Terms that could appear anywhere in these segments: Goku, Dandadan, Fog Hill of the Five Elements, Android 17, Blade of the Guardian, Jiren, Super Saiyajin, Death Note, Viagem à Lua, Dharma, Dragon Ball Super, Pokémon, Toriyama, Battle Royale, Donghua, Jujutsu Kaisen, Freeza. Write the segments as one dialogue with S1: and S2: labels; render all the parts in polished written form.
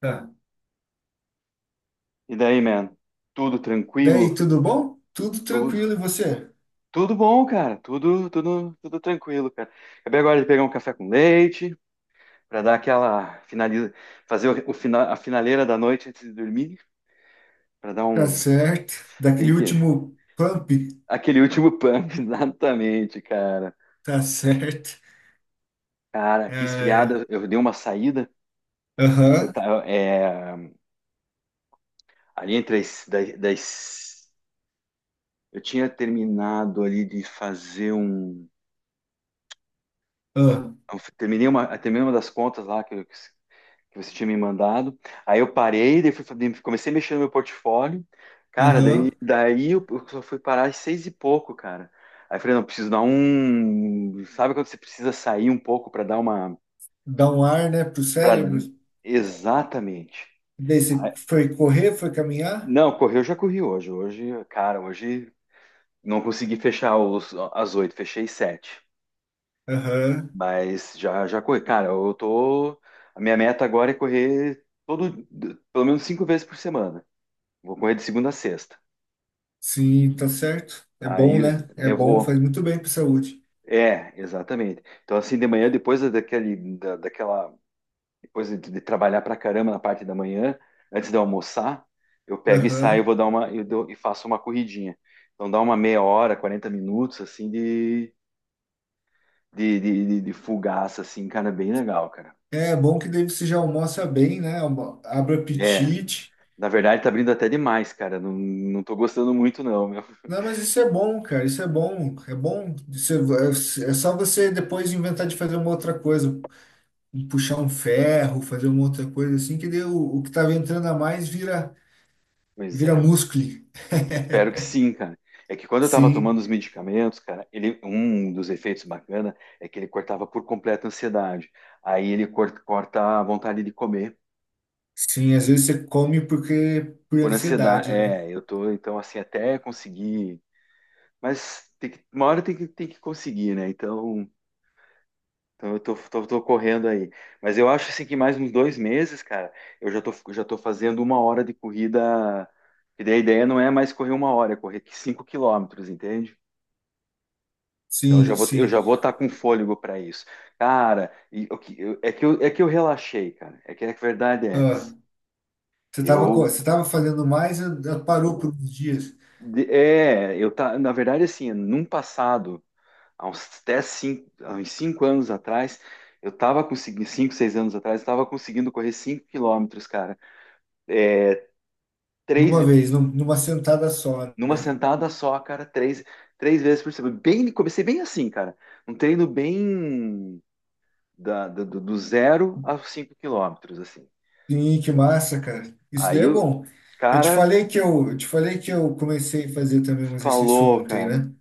S1: Tá.
S2: E daí, man? Tudo
S1: Daí,
S2: tranquilo?
S1: tudo bom? Tudo
S2: Tudo,
S1: tranquilo, e você?
S2: tudo bom, cara. Tudo, tudo, tudo tranquilo, cara. Acabei agora de pegar um café com leite para dar aquela finaliza, fazer a finaleira da noite antes de dormir, para dar
S1: Tá
S2: um,
S1: certo.
S2: tem
S1: Daquele
S2: que
S1: último pump,
S2: aquele último pump, exatamente, cara.
S1: tá certo.
S2: Cara, que
S1: É,
S2: esfriada, eu dei uma saída. Eu
S1: aham,
S2: tava, ali entre as, das, das- eu tinha terminado ali de fazer um,
S1: ah,
S2: eu terminei terminei uma das contas lá que eu que você tinha me mandado. Aí eu parei, daí fui, comecei a mexer no meu portfólio. Cara, daí,
S1: aham.
S2: daí eu só fui parar às seis e pouco, cara. Aí eu falei, não, preciso dar um. Sabe quando você precisa sair um pouco para dar uma.
S1: Dá um ar, né, pro
S2: Pra...
S1: cérebro.
S2: Exatamente.
S1: Daí
S2: Aí-
S1: você foi correr, foi caminhar?
S2: Não, correr eu já corri hoje. Hoje, cara, hoje não consegui fechar as 8, fechei 7.
S1: Aham,
S2: Mas já corri. Cara, eu tô. A minha meta agora é correr todo, pelo menos 5 vezes por semana. Vou correr de segunda a sexta.
S1: sim, tá certo. É bom,
S2: Aí
S1: né? É
S2: eu
S1: bom, faz
S2: vou.
S1: muito bem pra saúde.
S2: É, exatamente. Então, assim, de manhã, depois daquela. Depois de trabalhar pra caramba na parte da manhã, antes de eu almoçar, eu pego e saio,
S1: Aham.
S2: vou dar uma. Eu dou- e faço uma corridinha. Então, dá uma meia hora, 40 minutos, assim, de fugaça, assim, cara, bem legal, cara.
S1: É bom que daí você já almoça bem, né? Almo- abre o
S2: É,
S1: apetite.
S2: na verdade, tá abrindo até demais, cara. Não, não tô gostando muito, não, meu.
S1: Não, mas isso é bom, cara. Isso é bom. É bom. Você- é é só você depois inventar de fazer uma outra coisa, puxar um ferro, fazer uma outra coisa assim, que daí o que tava entrando a mais vira,
S2: Pois
S1: vira
S2: é.
S1: músculo.
S2: Espero que sim, cara. É que quando eu tava
S1: Sim,
S2: tomando os medicamentos, cara, ele, um dos efeitos bacana é que ele cortava por completo a ansiedade. Aí corta a vontade de comer
S1: sim. Às vezes você come porque por
S2: por ansiedade.
S1: ansiedade, né?
S2: É, eu tô, então, assim, até conseguir. Mas tem que, uma hora tem que conseguir, né? Então, então eu tô correndo aí. Mas eu acho, assim, que mais uns 2 meses, cara, eu já tô fazendo uma hora de corrida. E daí a ideia não é mais correr uma hora, é correr 5 quilômetros, entende? Então
S1: Sim,
S2: eu já
S1: sim.
S2: vou estar com fôlego para isso. Cara, e o é que é que eu relaxei, cara. É que a verdade é
S1: Ah,
S2: essa.
S1: você tava, co-
S2: Eu,
S1: você tava fazendo mais, ah, parou por uns dias,
S2: de- é, eu tá, na verdade, assim, num passado, há uns 5 anos atrás, eu tava conseguindo, 5, 6 anos atrás, eu tava conseguindo correr 5 quilômetros, cara. Três, ve-
S1: numa vez, num- numa sentada só,
S2: numa
S1: né?
S2: sentada só, cara, três vezes por semana. Bem, comecei bem assim, cara. Um treino bem do do zero aos 5 quilômetros, assim.
S1: Sim, que massa, cara. Isso daí
S2: Aí
S1: é
S2: o
S1: bom. Eu te
S2: cara
S1: falei que eu te falei que eu comecei a fazer também um exercício
S2: falou,
S1: ontem,
S2: cara.
S1: né?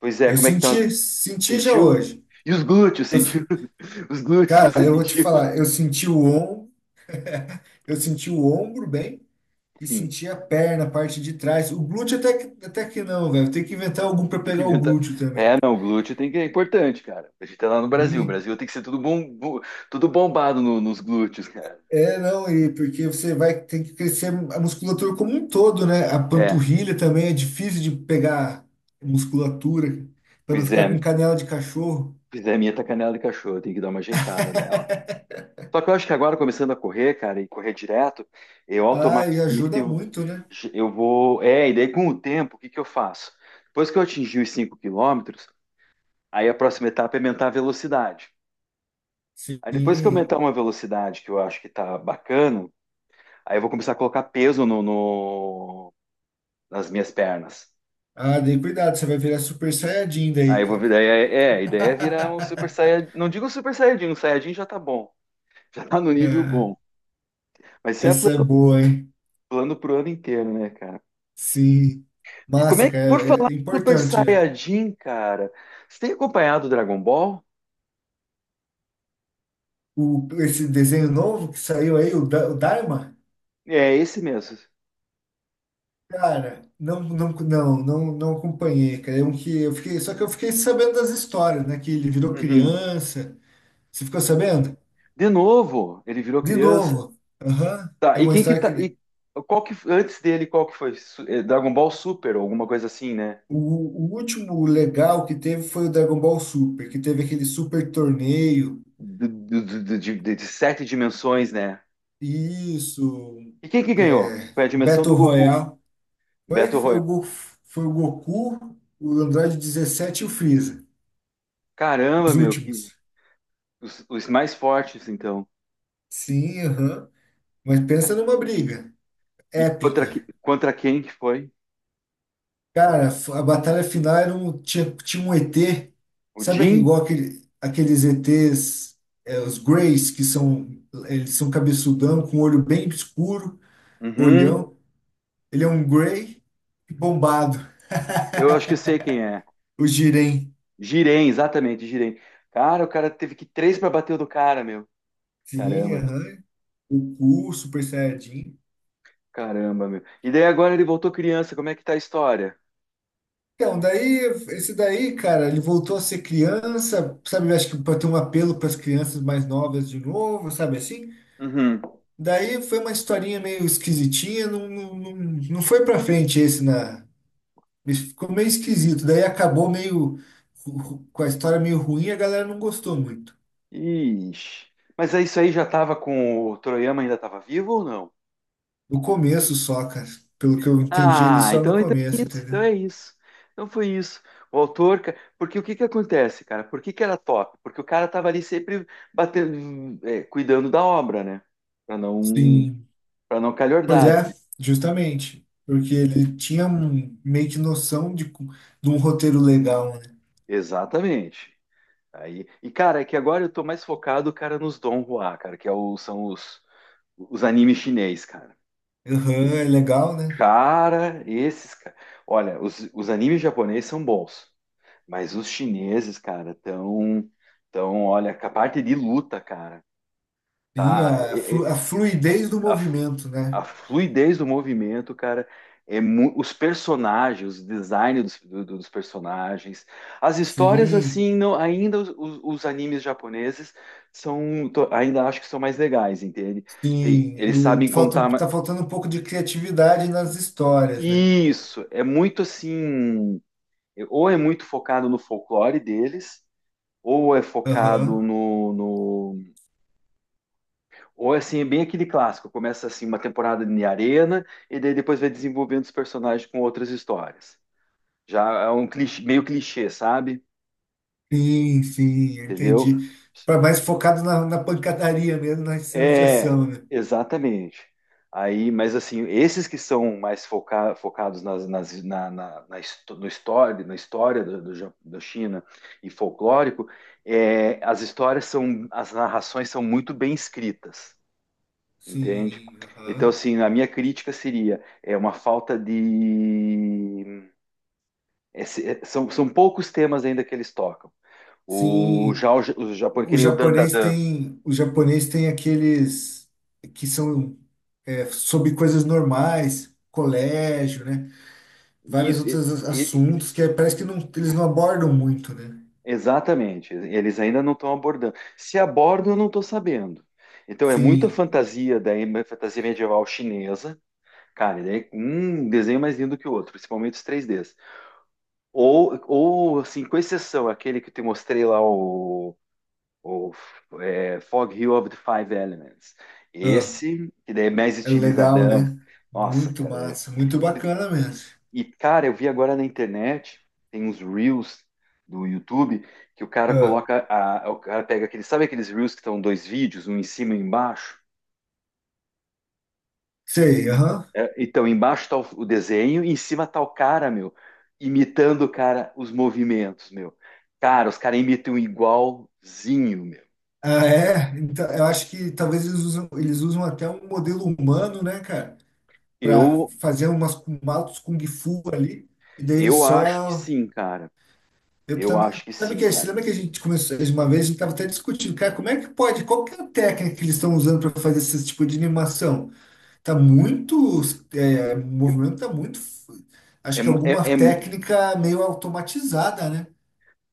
S2: Pois é,
S1: Eu
S2: como é que tá?
S1: senti, senti já
S2: Sentiu?
S1: hoje.
S2: E os glúteos,
S1: Eu-
S2: sentiu? Os glúteos
S1: cara,
S2: você
S1: eu vou te
S2: sentiu?
S1: falar, eu senti o ombro, eu senti o ombro bem e
S2: Sim,
S1: senti a perna, a parte de trás. O glúteo até que não, velho. Tem que inventar algum para
S2: tem que
S1: pegar o
S2: inventar.
S1: glúteo também.
S2: É, não, o glúteo tem que é importante, cara. A gente tá lá no Brasil. O
S1: E-
S2: Brasil tem que ser tudo bom, bo- tudo bombado nos glúteos, cara.
S1: é, não, e porque você vai ter que crescer a musculatura como um todo, né? A
S2: É,
S1: panturrilha também é difícil de pegar musculatura para não
S2: pois
S1: ficar com
S2: é,
S1: canela de cachorro.
S2: pois é, minha tá canela de cachorro, tem que dar uma ajeitada nela. Só que eu acho que agora, começando a correr, cara, e correr direto, eu
S1: Ah, e
S2: automaticamente
S1: ajuda muito, né?
S2: eu vou. É, e daí com o tempo, o que que eu faço? Depois que eu atingir os 5 quilômetros, aí a próxima etapa é aumentar a velocidade. Aí depois que eu
S1: Sim.
S2: aumentar uma velocidade que eu acho que tá bacana, aí eu vou começar a colocar peso nas minhas pernas.
S1: Ah, daí cuidado, você vai virar super saiyajin
S2: Aí
S1: daí,
S2: eu vou
S1: cara.
S2: virar. A ideia é virar um super saiyajin. Não digo super saiyajin, um saiyajin já tá bom. Já tá no nível
S1: É,
S2: bom. Mas isso é
S1: essa é boa, hein?
S2: plano pro ano inteiro, né, cara?
S1: Sim.
S2: E como
S1: Massa,
S2: é que, por
S1: cara,
S2: falar
S1: é, é
S2: em Super
S1: importante, né?
S2: Saiyajin, cara, você tem acompanhado o Dragon Ball?
S1: O, esse desenho novo que saiu aí, o, Da- o Dharma,
S2: É esse mesmo.
S1: cara, não acompanhei, cara. É um que eu fiquei, só que eu fiquei sabendo das histórias, né? Que ele virou
S2: Uhum.
S1: criança. Você ficou sabendo?
S2: De novo, ele virou
S1: De
S2: criança.
S1: novo. Aham.
S2: Tá,
S1: É
S2: e
S1: uma
S2: quem que
S1: história
S2: tá.
S1: que.
S2: E qual que, antes dele, qual que foi? Dragon Ball Super, ou alguma coisa assim, né?
S1: O último legal que teve foi o Dragon Ball Super, que teve aquele super torneio.
S2: De 7 dimensões, né?
S1: Isso.
S2: E quem que ganhou?
S1: É,
S2: Foi a dimensão do
S1: Battle
S2: Goku,
S1: Royale. Foi,
S2: Battle
S1: foi o,
S2: Royale.
S1: Go- foi o Goku, o Android 17 e o Freeza.
S2: Caramba,
S1: Os
S2: meu, que
S1: últimos.
S2: os mais fortes, então.
S1: Sim, aham. Mas pensa numa briga
S2: E
S1: épica.
S2: contra quem que foi?
S1: Cara, a batalha final era um, tinha, tinha um ET,
S2: O
S1: sabe aquele-
S2: Jin?
S1: igual aquele, aqueles ETs, é, os Greys, que são, eles são cabeçudão, com olho bem escuro,
S2: Uhum.
S1: olhão. Ele é um Grey bombado.
S2: Eu acho que eu sei quem é.
S1: O Jiren.
S2: Giren, exatamente, Giren. Cara, o cara teve que três para bater o do cara, meu.
S1: Sim,
S2: Caramba,
S1: aham. O Ku, Super Saiyajin.
S2: caramba, meu. E daí agora ele voltou criança, como é que tá a história?
S1: Então, daí, esse daí, cara, ele voltou a ser criança, sabe? Acho que para ter um apelo para as crianças mais novas de novo, sabe assim?
S2: Uhum.
S1: Daí foi uma historinha meio esquisitinha, não foi pra frente esse na. Ficou meio esquisito. Daí acabou meio ru- ru- com a história meio ruim, a galera não gostou muito.
S2: Ixi. Mas é isso aí já tava com o Toriyama ainda tava vivo ou não?
S1: No começo só, cara. Pelo que eu entendi ele
S2: Ah,
S1: só no
S2: então, então é
S1: começo,
S2: isso,
S1: entendeu?
S2: então é isso. Então foi isso. O autor, ca- porque o que que acontece, cara? Por que que era top? Porque o cara tava ali sempre batendo, é, cuidando da obra, né? Para não,
S1: Sim.
S2: para não
S1: Pois
S2: calhordar.
S1: é, justamente. Porque ele tinha um, meio que noção de, co- de um roteiro legal, né?
S2: Exatamente. Aí, e cara, é que agora eu tô mais focado, cara, nos Donghua, cara, que é são os animes chinês, cara.
S1: Aham, é legal, né?
S2: Cara, esses, cara. Olha, os animes japoneses são bons, mas os chineses, cara, tão, olha, a parte de luta, cara,
S1: Sim,
S2: tá?
S1: a, flu- a fluidez do
S2: A,
S1: movimento,
S2: a
S1: né?
S2: fluidez do movimento, cara, é mu- os personagens, o design dos personagens, as histórias
S1: Sim.
S2: assim, não, ainda os animes japoneses são, to- ainda acho que são mais legais, entende? Tem-
S1: Sim,
S2: eles sabem
S1: o- falta,
S2: contar
S1: tá
S2: ma-
S1: faltando um pouco de criatividade nas histórias, né?
S2: isso, é muito assim, ou é muito focado no folclore deles, ou é focado
S1: Aham.
S2: no. Ou assim, é bem aquele clássico, começa assim uma temporada de arena e daí depois vai desenvolvendo os personagens com outras histórias. Já é um clichê, meio clichê, sabe?
S1: Sim, sim,
S2: Entendeu?
S1: entendi. Para mais focado na, na pancadaria mesmo, nas cenas de
S2: É,
S1: ação, né?
S2: exatamente. Aí, mas assim, esses que são mais foca- focados na, histó- no história, na história Ja- da China e folclórico, é, as histórias são, as narrações são muito bem escritas. Entende?
S1: Sim,
S2: Então,
S1: aham.
S2: assim, a minha crítica seria é uma falta de. São, são poucos temas ainda que eles tocam. O,
S1: Sim,
S2: já, o, ja, o Japão, que nem o Dandadan.
S1: o japonês tem aqueles que são é, sobre coisas normais, colégio, né? Vários
S2: Isso,
S1: outros
S2: e-
S1: assuntos que é- parece que não, eles não abordam muito, né?
S2: exatamente. Eles ainda não estão abordando. Se abordam, eu não estou sabendo. Então, é muita
S1: Sim.
S2: fantasia, daí, é fantasia medieval chinesa. Cara, e daí, um desenho mais lindo que o outro, principalmente os 3Ds. Ou assim, com exceção, aquele que eu te mostrei lá, o. O é, Fog Hill of the Five Elements. Esse, que daí é mais
S1: É legal,
S2: estilizadão.
S1: né?
S2: Nossa,
S1: Muito
S2: cara. É-
S1: massa, muito bacana mesmo.
S2: E, cara, eu vi agora na internet, tem uns Reels do YouTube, que o cara
S1: Ah,
S2: coloca, a- o cara pega aqueles, sabe aqueles Reels que estão 2 vídeos, um em cima e um embaixo?
S1: sei, aham.
S2: É, então, embaixo tá o desenho e em cima tá o cara, meu, imitando, cara, os movimentos, meu. Cara, os caras imitam igualzinho, meu.
S1: Ah, é? Então, eu acho que talvez eles usam até um modelo humano, né, cara? Pra
S2: Eu,
S1: fazer umas maltos Kung Fu ali. E daí eles
S2: eu acho que
S1: só.
S2: sim, cara.
S1: Eu
S2: Eu
S1: também.
S2: acho que
S1: Sabe
S2: sim,
S1: que, você
S2: cara.
S1: lembra que a gente começou uma vez, a gente tava até discutindo, cara, como é que pode? Qual que é a técnica que eles estão usando para fazer esse tipo de animação? Tá muito. É, o
S2: É,
S1: movimento tá muito. F-
S2: é,
S1: Acho que alguma
S2: é, é
S1: técnica meio automatizada, né?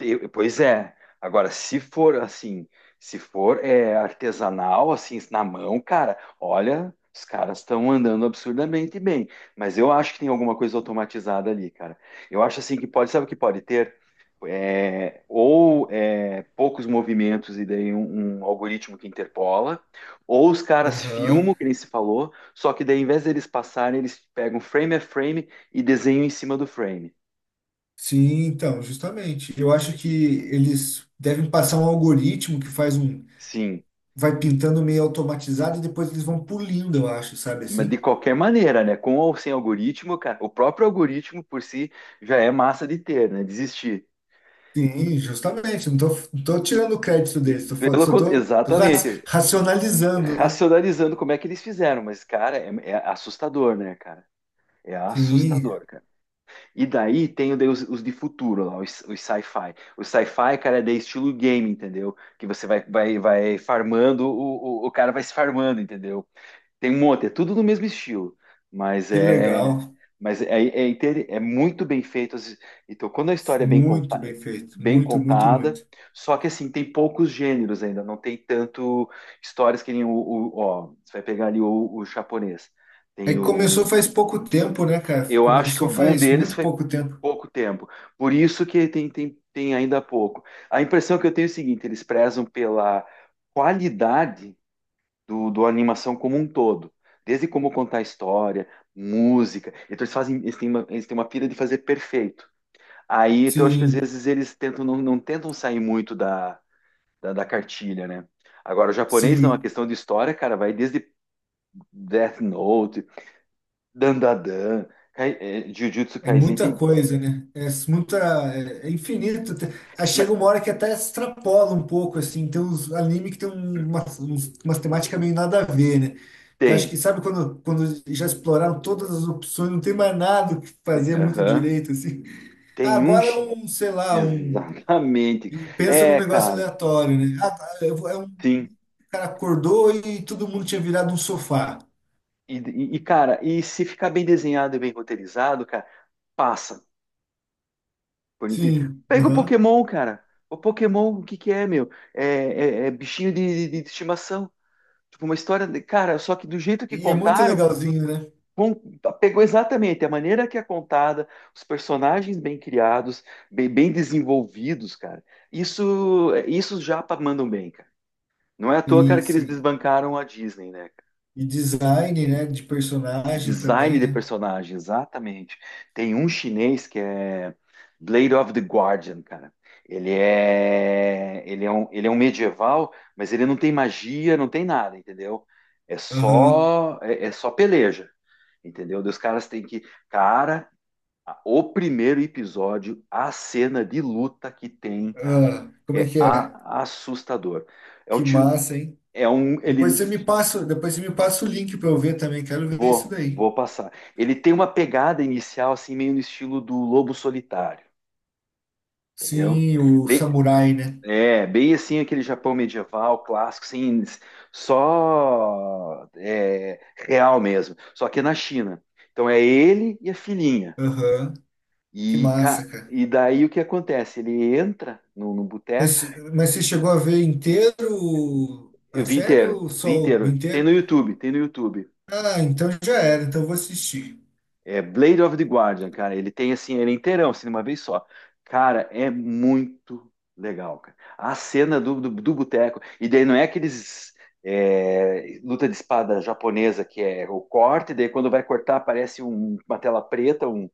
S2: Eu- Pois é. Agora, se for assim, se for é, artesanal, assim, na mão, cara, olha, os caras estão andando absurdamente bem. Mas eu acho que tem alguma coisa automatizada ali, cara. Eu acho assim que pode, sabe o que pode ter? É, ou é, poucos movimentos e daí um, um algoritmo que interpola, ou os caras
S1: Aham.
S2: filmam, que nem se falou, só que daí, em vez deles passarem, eles pegam frame a frame e desenham em cima do frame.
S1: Sim, então, justamente. Eu acho que eles devem passar um algoritmo que faz um,
S2: Sim.
S1: vai pintando meio automatizado e depois eles vão pulindo, eu acho, sabe
S2: Mas de
S1: assim?
S2: qualquer maneira, né? Com ou sem algoritmo, cara, o próprio algoritmo por si já é massa de ter, né? Desistir.
S1: Sim, justamente. Não tô tirando o crédito deles, tô, falando-
S2: Pelo,
S1: só
S2: cont-
S1: tô, tô ra-
S2: exatamente.
S1: racionalizando, né?
S2: Racionalizando como é que eles fizeram, mas, cara, é assustador, né, cara? É
S1: Sim,
S2: assustador, cara. E daí tem daí os de futuro lá, os sci-fi. O sci-fi, cara, é de estilo game, entendeu? Que você vai, vai farmando, o cara vai se farmando, entendeu? Tem um monte, é tudo do mesmo estilo, mas
S1: que
S2: é,
S1: legal.
S2: mas é, é, inter- é muito bem feito. As- Então, quando a história é
S1: Muito bem feito.
S2: bem
S1: Muito, muito,
S2: contada,
S1: muito.
S2: só que assim, tem poucos gêneros ainda, não tem tanto histórias que nem ó, você vai pegar ali o japonês.
S1: É
S2: Tem
S1: que começou
S2: o,
S1: faz pouco tempo, né, cara?
S2: eu acho que o
S1: Começou
S2: boom
S1: faz
S2: deles
S1: muito
S2: foi
S1: pouco tempo.
S2: pouco tempo, por isso que tem ainda pouco. A impressão que eu tenho é o seguinte, eles prezam pela qualidade do animação como um todo. Desde como contar história, música. Então eles fazem, eles têm uma pira de fazer perfeito. Aí então, eu acho que às
S1: Sim,
S2: vezes eles tentam, não, não tentam sair muito da, da cartilha, né? Agora, o japonês não, a
S1: sim.
S2: questão de história, cara, vai desde Death Note, Dandadan, Kai, eh, Jujutsu
S1: É
S2: Kaisen,
S1: muita
S2: tem,
S1: coisa, né? É muita, é é infinito. Te- Aí chega
S2: mas
S1: uma hora que até extrapola um pouco, assim. Tem uns anime que tem um- umas, uns- umas temáticas meio nada a ver, né? Que acho
S2: tem,
S1: que, sabe, quando já exploraram todas as opções, não tem mais nada o que fazer muito
S2: aham.
S1: direito, assim. Ah,
S2: Tem um,
S1: agora é
S2: chi-
S1: um, sei lá, um.
S2: exatamente,
S1: E pensa num
S2: é,
S1: negócio
S2: cara,
S1: aleatório, né? Ah, tá, eu vou- é um
S2: sim.
S1: cara acordou e todo mundo tinha virado um sofá.
S2: E, e, cara, e se ficar bem desenhado e bem roteirizado, cara, passa. Por incrível.
S1: Sim,
S2: Pega o
S1: aham.
S2: Pokémon, cara. O Pokémon, o que que é, meu? É- é bichinho de estimação. Tipo, uma história. De- Cara, só que do jeito que
S1: E é muito
S2: contaram,
S1: legalzinho, né?
S2: com- pegou exatamente a maneira que é contada, os personagens bem criados, bem, bem desenvolvidos, cara. Isso, é, isso os japa mandam bem, cara. Não é à toa,
S1: Sim,
S2: cara, que eles
S1: sim.
S2: desbancaram a Disney, né?
S1: E design, né? De personagens
S2: Design
S1: também,
S2: de
S1: né?
S2: personagem, exatamente. Tem um chinês que é Blade of the Guardian, cara. Ele é um medieval, mas ele não tem magia, não tem nada, entendeu? É
S1: Aham.
S2: só, é, é só peleja, entendeu? Daí os caras têm que, cara, a- o primeiro episódio, a cena de luta que tem, cara,
S1: Ah, como
S2: é
S1: é?
S2: a- assustador. É um,
S1: Que
S2: tio-
S1: massa, hein?
S2: é um,
S1: Depois
S2: ele.
S1: você me passa, depois você me passa o link para eu ver também. Quero ver isso
S2: Vou,
S1: daí.
S2: vou passar. Ele tem uma pegada inicial, assim, meio no estilo do Lobo Solitário, entendeu?
S1: Sim, o
S2: Bem,
S1: samurai, né?
S2: é, bem assim aquele Japão medieval, clássico, assim, só é, real mesmo. Só que é na China. Então é ele e a filhinha.
S1: Aham. Que
S2: E, ca-
S1: massa, cara.
S2: e daí o que acontece? Ele entra no boteco,
S1: Mas, mas você chegou a ver inteiro
S2: eu
S1: a
S2: vi
S1: série
S2: inteiro,
S1: ou só
S2: vi
S1: o
S2: inteiro. Tem
S1: inteiro?
S2: no YouTube, tem no YouTube.
S1: Ah, então já era. Então eu vou assistir.
S2: É Blade of the Guardian, cara. Ele tem assim, ele é inteirão, assim, de uma vez só. Cara, é muito legal, cara. A cena do boteco. E daí não é aqueles. É, luta de espada japonesa que é o corte, daí quando vai cortar aparece um- uma tela preta, um,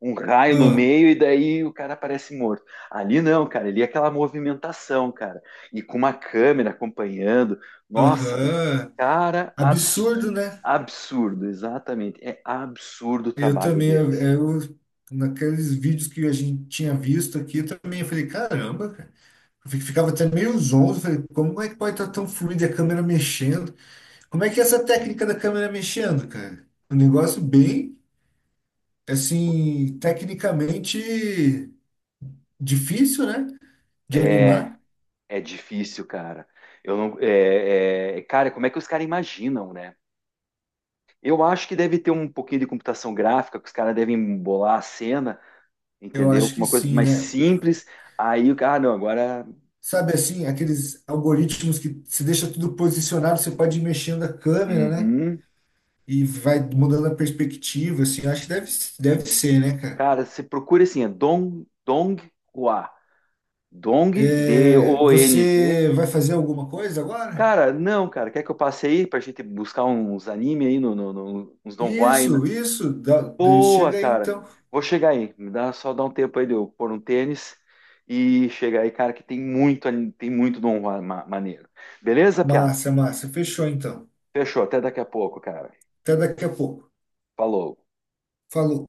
S2: um raio no
S1: Ah,
S2: meio, e daí o cara aparece morto. Ali não, cara, ali é aquela movimentação, cara, e com uma câmera acompanhando. Nossa,
S1: aham.
S2: cara,
S1: Absurdo,
S2: absurdo,
S1: né?
S2: absurdo, exatamente. É absurdo o
S1: Eu
S2: trabalho
S1: também,
S2: deles.
S1: eu- naqueles vídeos que a gente tinha visto aqui, eu também falei, caramba, cara. Eu fi- ficava até meio zonzo, falei, como é que pode estar tão fluido a câmera mexendo? Como é que é essa técnica da câmera mexendo, cara? Um negócio bem, assim, tecnicamente difícil, né? De
S2: É,
S1: animar.
S2: é difícil, cara. Eu não, é, cara, como é que os caras imaginam, né? Eu acho que deve ter um pouquinho de computação gráfica, que os caras devem bolar a cena,
S1: Eu
S2: entendeu?
S1: acho
S2: Com
S1: que
S2: uma coisa
S1: sim,
S2: mais
S1: né?
S2: simples. Aí o cara, ah, não, agora,
S1: Sabe assim, aqueles algoritmos que se deixa tudo posicionado, você pode ir mexendo a câmera, né?
S2: uhum.
S1: E vai mudando a perspectiva, assim, eu acho que deve, deve ser, né, cara?
S2: Cara, você procura assim, é Dong, Donghua. Dong,
S1: É,
S2: DONG.
S1: você vai fazer alguma coisa agora?
S2: Cara, não, cara. Quer que eu passe aí pra gente buscar uns anime aí, uns Don Juan, né?
S1: Isso, dá- de-
S2: Boa,
S1: chega aí
S2: cara.
S1: então.
S2: Vou chegar aí. Me dá só dá um tempo aí de eu pôr um tênis e chegar aí, cara, que tem muito, anime- tem muito Don Juan ma- maneiro. Beleza, Piá?
S1: Massa, massa, fechou então.
S2: Fechou. Até daqui a pouco, cara.
S1: Até daqui a pouco.
S2: Falou.
S1: Falou.